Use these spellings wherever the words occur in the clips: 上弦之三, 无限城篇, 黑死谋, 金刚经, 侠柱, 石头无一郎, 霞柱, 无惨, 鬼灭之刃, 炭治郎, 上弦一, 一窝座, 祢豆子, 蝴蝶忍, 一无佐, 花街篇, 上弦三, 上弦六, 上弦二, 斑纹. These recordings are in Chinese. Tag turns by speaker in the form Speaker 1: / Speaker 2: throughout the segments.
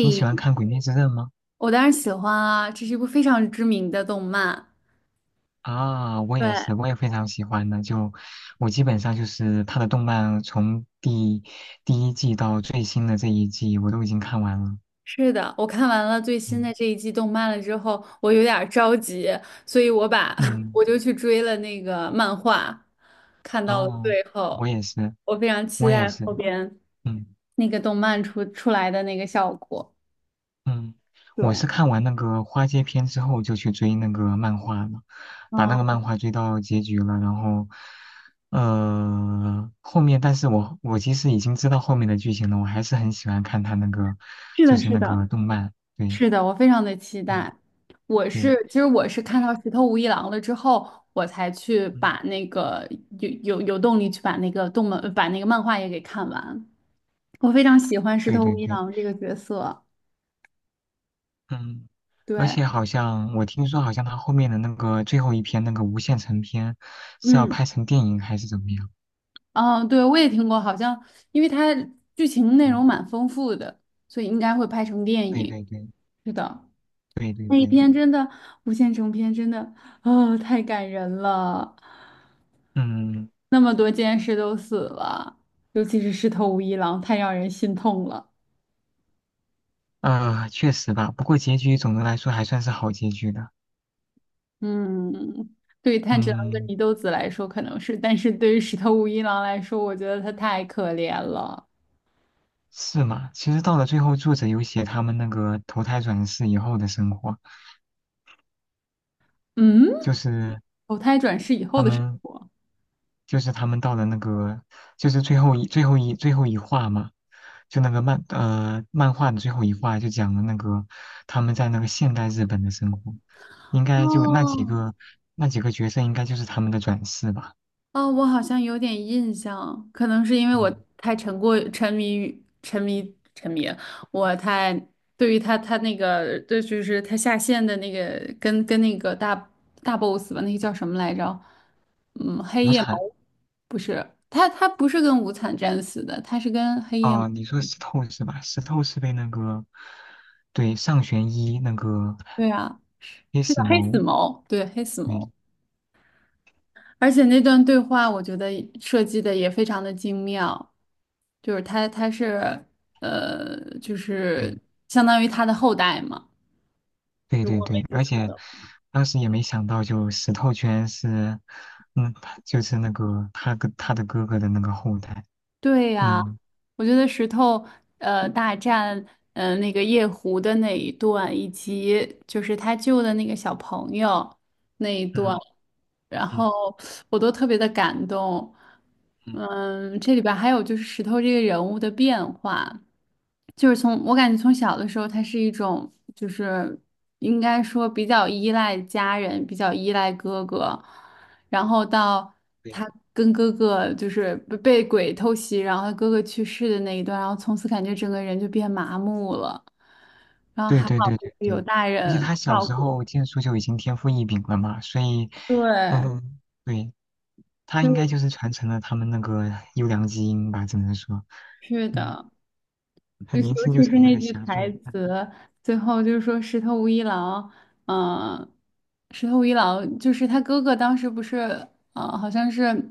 Speaker 1: 你喜欢看《鬼灭之刃》吗？
Speaker 2: 我当然喜欢啊，这是一部非常知名的动漫。
Speaker 1: 啊，我也
Speaker 2: 对，
Speaker 1: 是，我也非常喜欢的。就我基本上就是他的动漫，从第一季到最新的这一季，我都已经看完了。
Speaker 2: 是的，我看完了最新的
Speaker 1: 嗯
Speaker 2: 这一季动漫了之后，我有点儿着急，所以我把
Speaker 1: 嗯，
Speaker 2: 我就去追了那个漫画，看到了
Speaker 1: 哦，
Speaker 2: 最
Speaker 1: 我
Speaker 2: 后，
Speaker 1: 也是，
Speaker 2: 我非常期
Speaker 1: 我也
Speaker 2: 待
Speaker 1: 是，
Speaker 2: 后边
Speaker 1: 嗯。
Speaker 2: 那个动漫出来的那个效果。
Speaker 1: 嗯，我
Speaker 2: 对，
Speaker 1: 是看完那个花街篇之后就去追那个漫画了，把那个
Speaker 2: 嗯，
Speaker 1: 漫画追到结局了，然后，后面但是我其实已经知道后面的剧情了，我还是很喜欢看他那个，
Speaker 2: 是
Speaker 1: 就
Speaker 2: 的，
Speaker 1: 是
Speaker 2: 是
Speaker 1: 那
Speaker 2: 的。
Speaker 1: 个动漫，对，
Speaker 2: 是的，我非常的期
Speaker 1: 嗯，
Speaker 2: 待。
Speaker 1: 对，
Speaker 2: 其实我是看到石头无一郎了之后，我才去
Speaker 1: 嗯，
Speaker 2: 把那个有动力去把那个动漫把那个漫画也给看完。我非常喜欢石
Speaker 1: 对
Speaker 2: 头
Speaker 1: 对
Speaker 2: 无一
Speaker 1: 对，
Speaker 2: 郎这个角色。
Speaker 1: 嗯，而
Speaker 2: 对，
Speaker 1: 且好像我听说好像他后面的那个最后一篇那个无限城篇是要
Speaker 2: 嗯
Speaker 1: 拍成电影还是怎么样？
Speaker 2: 嗯，对，我也听过，好像因为它剧情内容
Speaker 1: 嗯，
Speaker 2: 蛮丰富的，所以应该会拍成电
Speaker 1: 对
Speaker 2: 影。
Speaker 1: 对对
Speaker 2: 是的，
Speaker 1: 对对
Speaker 2: 那一
Speaker 1: 对，
Speaker 2: 篇真的无限城篇真的，啊，太感人了。
Speaker 1: 嗯。
Speaker 2: 那么多剑士都死了，尤其是石头无一郎，太让人心痛了。
Speaker 1: 啊，确实吧，不过结局总的来说还算是好结局的。
Speaker 2: 嗯，对于炭治郎跟
Speaker 1: 嗯，
Speaker 2: 祢豆子来说可能是，但是对于石头无一郎来说，我觉得他太可怜了。
Speaker 1: 是吗？其实到了最后，作者有写他们那个投胎转世以后的生活，就
Speaker 2: 嗯，
Speaker 1: 是
Speaker 2: 投胎转世以后
Speaker 1: 他
Speaker 2: 的生
Speaker 1: 们，
Speaker 2: 活。
Speaker 1: 就是他们到了那个，就是最后一话嘛，就那个漫画的最后一话就讲了那个他们在那个现代日本的生活，应该就那几
Speaker 2: 哦，
Speaker 1: 个角色应该就是他们的转世吧。
Speaker 2: 哦，我好像有点印象，可能是因为我
Speaker 1: 嗯，
Speaker 2: 太沉迷于沉迷，我太对于他那个，对，就是他下线的那个跟那个大 boss 吧，那个叫什么来着？嗯，黑
Speaker 1: 无
Speaker 2: 夜魔
Speaker 1: 惨。
Speaker 2: 王不是他，他不是跟无惨战死的，他是跟黑夜，
Speaker 1: 啊，你说石头是吧？石头是被那个，对，上弦一那个
Speaker 2: 对啊，
Speaker 1: 黑
Speaker 2: 是的，
Speaker 1: 死
Speaker 2: 黑
Speaker 1: 谋，
Speaker 2: 死谋，对，黑死谋。
Speaker 1: 对
Speaker 2: 而且那段对话，我觉得设计的也非常的精妙，就是他是就是
Speaker 1: 对
Speaker 2: 相当于他的后代嘛，
Speaker 1: 对
Speaker 2: 如
Speaker 1: 对
Speaker 2: 果
Speaker 1: 对，
Speaker 2: 没记
Speaker 1: 而
Speaker 2: 错
Speaker 1: 且
Speaker 2: 的话。
Speaker 1: 当时也没想到，就石头居然是，嗯，他就是那个他跟他的哥哥的那个后代，
Speaker 2: 对呀，
Speaker 1: 嗯
Speaker 2: 我觉得石头大战那个夜壶的那一段，以及就是他救的那个小朋友那一段，
Speaker 1: 嗯
Speaker 2: 然后
Speaker 1: 嗯
Speaker 2: 我都特别的感动。
Speaker 1: 嗯，
Speaker 2: 嗯，这里边还有就是石头这个人物的变化。就是从我感觉从小的时候，他是一种就是应该说比较依赖家人，比较依赖哥哥，然后到他
Speaker 1: 对
Speaker 2: 跟哥哥就是被鬼偷袭，然后他哥哥去世的那一段，然后从此感觉整个人就变麻木了，然后
Speaker 1: 对
Speaker 2: 还好
Speaker 1: 对对
Speaker 2: 就
Speaker 1: 对
Speaker 2: 是有
Speaker 1: 对，
Speaker 2: 大
Speaker 1: 而且
Speaker 2: 人
Speaker 1: 他小
Speaker 2: 照
Speaker 1: 时
Speaker 2: 顾。
Speaker 1: 候剑术就已经天赋异禀了嘛，所以，
Speaker 2: 对，
Speaker 1: 嗯，对，他
Speaker 2: 所
Speaker 1: 应该就
Speaker 2: 以
Speaker 1: 是传承了他们那个优良基因吧，只能说，
Speaker 2: 是
Speaker 1: 嗯。
Speaker 2: 的。就
Speaker 1: 很年轻
Speaker 2: 尤
Speaker 1: 就
Speaker 2: 其是
Speaker 1: 成为
Speaker 2: 那
Speaker 1: 了
Speaker 2: 句
Speaker 1: 侠
Speaker 2: 台
Speaker 1: 柱。啊
Speaker 2: 词，最后就是说石头无一郎，嗯、石头无一郎就是他哥哥，当时不是，好像是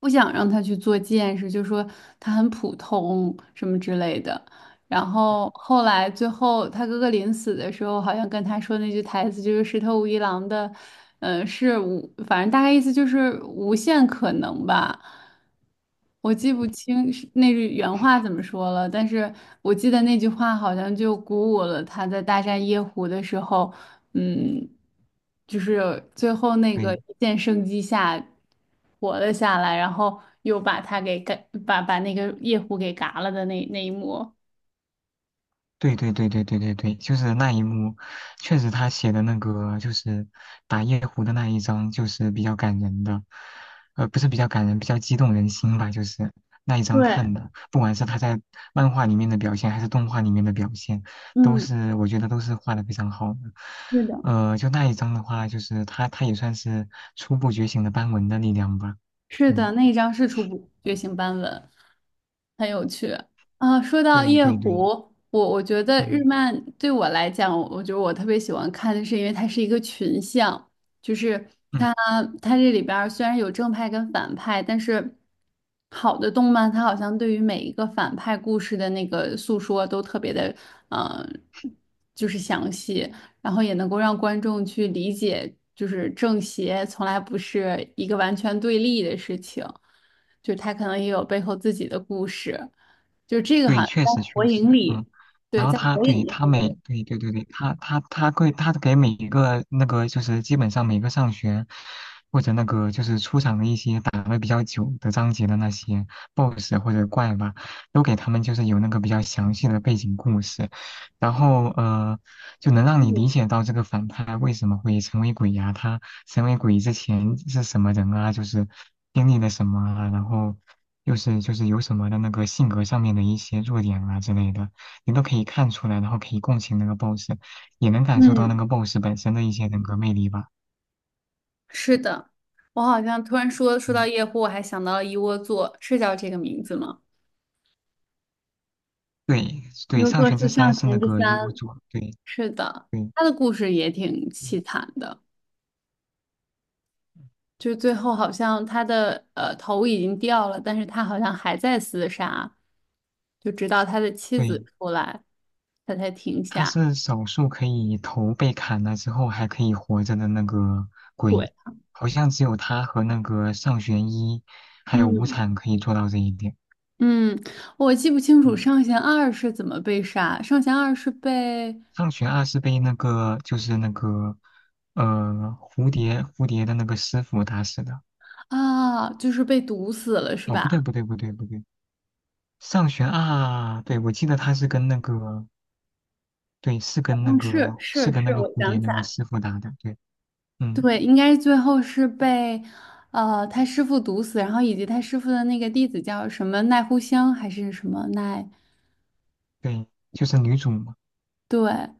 Speaker 2: 不想让他去做剑士，就说他很普通什么之类的。然后后来最后他哥哥临死的时候，好像跟他说那句台词就是“石头无一郎”的，嗯、是无，反正大概意思就是无限可能吧。我记不清是那句原话怎么说了，但是我记得那句话好像就鼓舞了他在大战夜壶的时候，嗯，就是最后那个
Speaker 1: 对，
Speaker 2: 一线生机下活了下来，然后又把他给干，把那个夜壶给嘎了的那一幕。
Speaker 1: 对对对对对对对，就是那一幕，确实他写的那个就是打夜壶的那一章，就是比较感人的，不是比较感人，比较激动人心吧，就是那一章
Speaker 2: 对，
Speaker 1: 看的，不管是他在漫画里面的表现，还是动画里面的表现，都
Speaker 2: 嗯，
Speaker 1: 是我觉得都是画的非常好的。
Speaker 2: 是的，
Speaker 1: 就那一章的话，就是他也算是初步觉醒的斑纹的力量吧。
Speaker 2: 是的，
Speaker 1: 嗯，
Speaker 2: 那一张是初步觉醒斑纹，很有趣啊。说到
Speaker 1: 对
Speaker 2: 夜
Speaker 1: 对对，
Speaker 2: 壶，我觉得日
Speaker 1: 嗯
Speaker 2: 漫对我来讲，我觉得我特别喜欢看的是，因为它是一个群像，就是
Speaker 1: 嗯。
Speaker 2: 它它这里边儿虽然有正派跟反派，但是好的动漫它好像对于每一个反派故事的那个诉说都特别的，嗯、就是详细。然后也能够让观众去理解，就是正邪从来不是一个完全对立的事情，就是他可能也有背后自己的故事，就这个好
Speaker 1: 对，
Speaker 2: 像
Speaker 1: 确实
Speaker 2: 在火
Speaker 1: 确
Speaker 2: 影
Speaker 1: 实，嗯，
Speaker 2: 里，对，
Speaker 1: 然后
Speaker 2: 在
Speaker 1: 他
Speaker 2: 火影
Speaker 1: 对
Speaker 2: 里
Speaker 1: 他
Speaker 2: 这
Speaker 1: 每
Speaker 2: 个
Speaker 1: 对对对对，他给每一个那个就是基本上每个上学或者那个就是出场的一些打的比较久的章节的那些 BOSS 或者怪吧，都给他们就是有那个比较详细的背景故事，然后就能让你理解到这个反派为什么会成为鬼呀、他成为鬼之前是什么人啊，就是经历了什么啊，然后。就是有什么的那个性格上面的一些弱点啊之类的，你都可以看出来，然后可以共情那个 boss，也能感受到那
Speaker 2: 嗯，
Speaker 1: 个 boss 本身的一些人格魅力吧。
Speaker 2: 是的，我好像突然说到
Speaker 1: 嗯，
Speaker 2: 夜壶，我还想到了一窝座，是叫这个名字吗？
Speaker 1: 对
Speaker 2: 一
Speaker 1: 对，
Speaker 2: 窝
Speaker 1: 上
Speaker 2: 座
Speaker 1: 弦之
Speaker 2: 是
Speaker 1: 三
Speaker 2: 上
Speaker 1: 是
Speaker 2: 弦
Speaker 1: 那
Speaker 2: 之
Speaker 1: 个一无
Speaker 2: 三，
Speaker 1: 佐，对
Speaker 2: 是的，
Speaker 1: 对
Speaker 2: 他的故事也挺
Speaker 1: 嗯
Speaker 2: 凄惨的。就最后好像他的头已经掉了，但是他好像还在厮杀，就直到他的妻
Speaker 1: 对，
Speaker 2: 子出来，他才停
Speaker 1: 他
Speaker 2: 下。
Speaker 1: 是少数可以头被砍了之后还可以活着的那个
Speaker 2: 对，
Speaker 1: 鬼，好像只有他和那个上弦一还有无
Speaker 2: 嗯
Speaker 1: 惨可以做到这一点。
Speaker 2: 嗯，我记不清楚
Speaker 1: 嗯
Speaker 2: 上弦二是怎么被杀，上弦二是被
Speaker 1: 上学二是被那个就是那个呃蝴蝶的那个师傅打死的。
Speaker 2: 啊，就是被毒死了是
Speaker 1: 哦，不对
Speaker 2: 吧？
Speaker 1: 不对不对不对，上学二，对，我记得他是跟那个，对，是
Speaker 2: 好
Speaker 1: 跟那
Speaker 2: 像
Speaker 1: 个
Speaker 2: 是
Speaker 1: 是
Speaker 2: 是
Speaker 1: 跟那
Speaker 2: 是，
Speaker 1: 个
Speaker 2: 我
Speaker 1: 蝴
Speaker 2: 想
Speaker 1: 蝶
Speaker 2: 起
Speaker 1: 那个
Speaker 2: 来，
Speaker 1: 师傅打的。对，嗯，
Speaker 2: 对，应该最后是被他师傅毒死，然后以及他师傅的那个弟子叫什么奈乎香还是什么奈。
Speaker 1: 对，就是女主嘛。
Speaker 2: 对，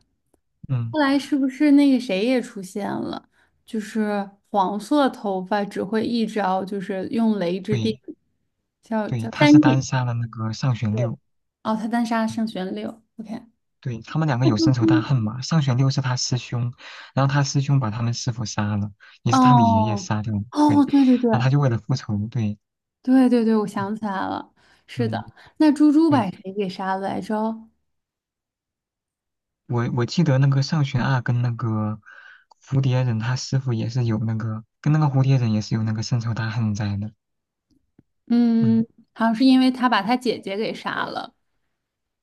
Speaker 1: 嗯，
Speaker 2: 后来是不是那个谁也出现了？就是黄色头发只会一招，就是用雷之电，
Speaker 1: 对
Speaker 2: 叫
Speaker 1: 对，
Speaker 2: 叫
Speaker 1: 他
Speaker 2: 三
Speaker 1: 是单
Speaker 2: 叶。
Speaker 1: 杀了那个上弦
Speaker 2: 对，
Speaker 1: 六。
Speaker 2: 哦，他单杀上弦六，OK。
Speaker 1: 对，他们两个
Speaker 2: 那
Speaker 1: 有
Speaker 2: 就
Speaker 1: 深仇大
Speaker 2: 跟
Speaker 1: 恨嘛。上弦六是他师兄，然后他师兄把他们师傅杀了，也是他的爷爷
Speaker 2: 哦
Speaker 1: 杀掉的。对，
Speaker 2: 哦，对对对
Speaker 1: 然后他就为了复仇，对，
Speaker 2: 对对对，我想起来了，是
Speaker 1: 嗯。
Speaker 2: 的。那猪猪
Speaker 1: 对，
Speaker 2: 把谁给杀了来着？
Speaker 1: 我记得那个上弦二跟那个蝴蝶忍他师傅也是有那个，跟那个蝴蝶忍也是有那个深仇大恨在的。
Speaker 2: 嗯，
Speaker 1: 嗯，
Speaker 2: 好像是因为他把他姐姐给杀了。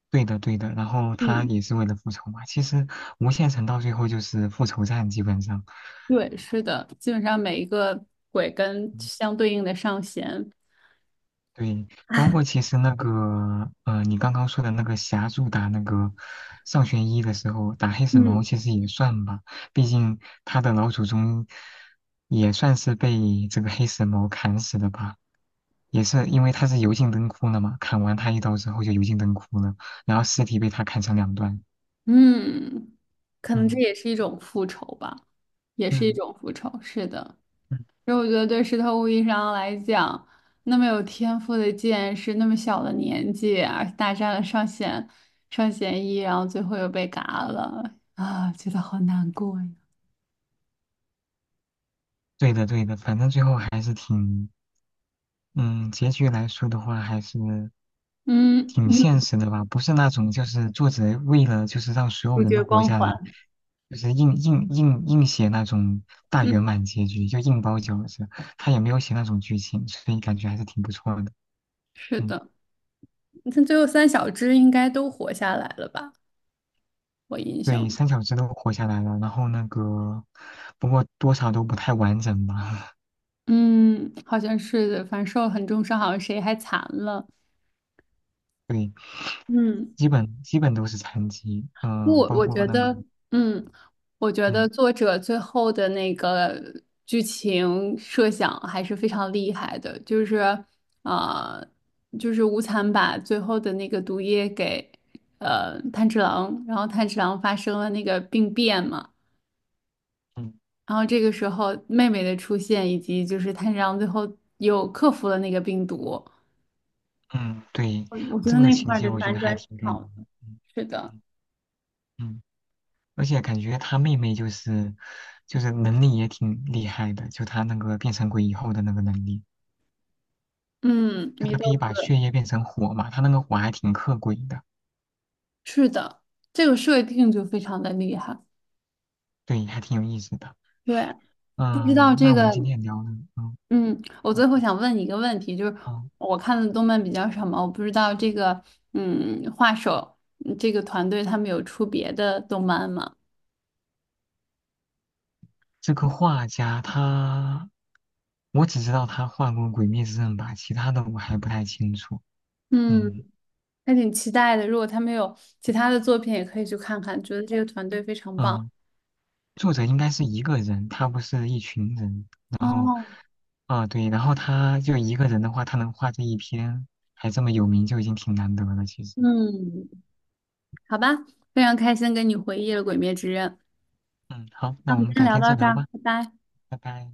Speaker 1: 对的对的。然后他
Speaker 2: 嗯，
Speaker 1: 也是为了复仇嘛。其实无限城到最后就是复仇战，基本上。
Speaker 2: 对，是的，基本上每一个鬼跟
Speaker 1: 嗯
Speaker 2: 相对应的上弦。
Speaker 1: 对，包括其实那个你刚刚说的那个霞柱打那个上弦一的时候，打黑死毛
Speaker 2: 嗯。
Speaker 1: 其实也算吧，毕竟他的老祖宗也算是被这个黑死毛砍死的吧，也是因为他是油尽灯枯了嘛，砍完他一刀之后就油尽灯枯了，然后尸体被他砍成两段。
Speaker 2: 嗯，可能这
Speaker 1: 嗯
Speaker 2: 也是一种复仇吧，也是一
Speaker 1: 嗯
Speaker 2: 种复仇。是的，
Speaker 1: 嗯，
Speaker 2: 所以我觉得对石头无疑上来讲，那么有天赋的剑士，那么小的年纪，而大战了上弦一，然后最后又被嘎了啊，觉得好难过呀。
Speaker 1: 对的对的，反正最后还是挺，嗯，结局来说的话还是。
Speaker 2: 嗯，
Speaker 1: 挺现实的吧，不是那种就是作者为了就是让所有
Speaker 2: 主
Speaker 1: 人都
Speaker 2: 角
Speaker 1: 活
Speaker 2: 光
Speaker 1: 下来，
Speaker 2: 环。
Speaker 1: 就是硬写那种大
Speaker 2: 嗯，
Speaker 1: 圆满结局，就硬包饺子，他也没有写那种剧情，所以感觉还是挺不错的。
Speaker 2: 是
Speaker 1: 嗯，
Speaker 2: 的，他最后三小只应该都活下来了吧？我印象
Speaker 1: 对，
Speaker 2: 中，
Speaker 1: 三小只都活下来了，然后那个不过多少都不太完整吧，
Speaker 2: 嗯，好像是的，反正受了很重伤，好像谁还残了。
Speaker 1: 对，
Speaker 2: 嗯。
Speaker 1: 基本都是残疾，
Speaker 2: 不，
Speaker 1: 嗯、包
Speaker 2: 我
Speaker 1: 括
Speaker 2: 觉
Speaker 1: 那个，
Speaker 2: 得，嗯，我觉得
Speaker 1: 嗯
Speaker 2: 作者最后的那个剧情设想还是非常厉害的，就是，呃，就是无惨把最后的那个毒液给，炭治郎，然后炭治郎发生了那个病变嘛，
Speaker 1: 嗯
Speaker 2: 然后这个时候妹妹的出现，以及就是炭治郎最后又克服了那个病毒，
Speaker 1: 嗯，对，
Speaker 2: 我觉
Speaker 1: 这
Speaker 2: 得
Speaker 1: 个
Speaker 2: 那
Speaker 1: 情
Speaker 2: 块儿
Speaker 1: 节
Speaker 2: 的
Speaker 1: 我觉
Speaker 2: 反
Speaker 1: 得
Speaker 2: 转
Speaker 1: 还挺
Speaker 2: 挺
Speaker 1: 感人
Speaker 2: 好
Speaker 1: 的，
Speaker 2: 的。
Speaker 1: 嗯
Speaker 2: 是的，
Speaker 1: 嗯嗯。而且感觉他妹妹就是能力也挺厉害的，就他那个变成鬼以后的那个能力，
Speaker 2: 嗯，
Speaker 1: 就他可以把血液变成火嘛，他那个火还挺克鬼的，
Speaker 2: 是的，这个设定就非常的厉害。
Speaker 1: 对，还挺有意思的。
Speaker 2: 对，不知道
Speaker 1: 嗯，
Speaker 2: 这
Speaker 1: 那我们
Speaker 2: 个，
Speaker 1: 今天聊的，嗯
Speaker 2: 嗯，我
Speaker 1: 哦
Speaker 2: 最后想问你一个问题，就是
Speaker 1: 哦，
Speaker 2: 我看的动漫比较少嘛，我不知道这个，嗯、画手嗯这个团队他们有出别的动漫吗？
Speaker 1: 这个画家他，我只知道他画过《鬼灭之刃》吧，其他的我还不太清楚。
Speaker 2: 嗯，
Speaker 1: 嗯
Speaker 2: 还挺期待的。如果他们有其他的作品，也可以去看看，觉得这个团队非常棒。
Speaker 1: 嗯。作者应该是一个人，他不是一群人。然后，
Speaker 2: 哦，
Speaker 1: 啊、对，然后他就一个人的话，他能画这一篇，还这么有名，就已经挺难得了。其实，
Speaker 2: 嗯，好吧，非常开心跟你回忆了《鬼灭之刃》，
Speaker 1: 嗯，好，
Speaker 2: 那
Speaker 1: 那
Speaker 2: 我
Speaker 1: 我
Speaker 2: 们
Speaker 1: 们
Speaker 2: 先
Speaker 1: 改
Speaker 2: 聊
Speaker 1: 天再
Speaker 2: 到这
Speaker 1: 聊
Speaker 2: 儿，
Speaker 1: 吧，
Speaker 2: 拜拜。
Speaker 1: 拜拜。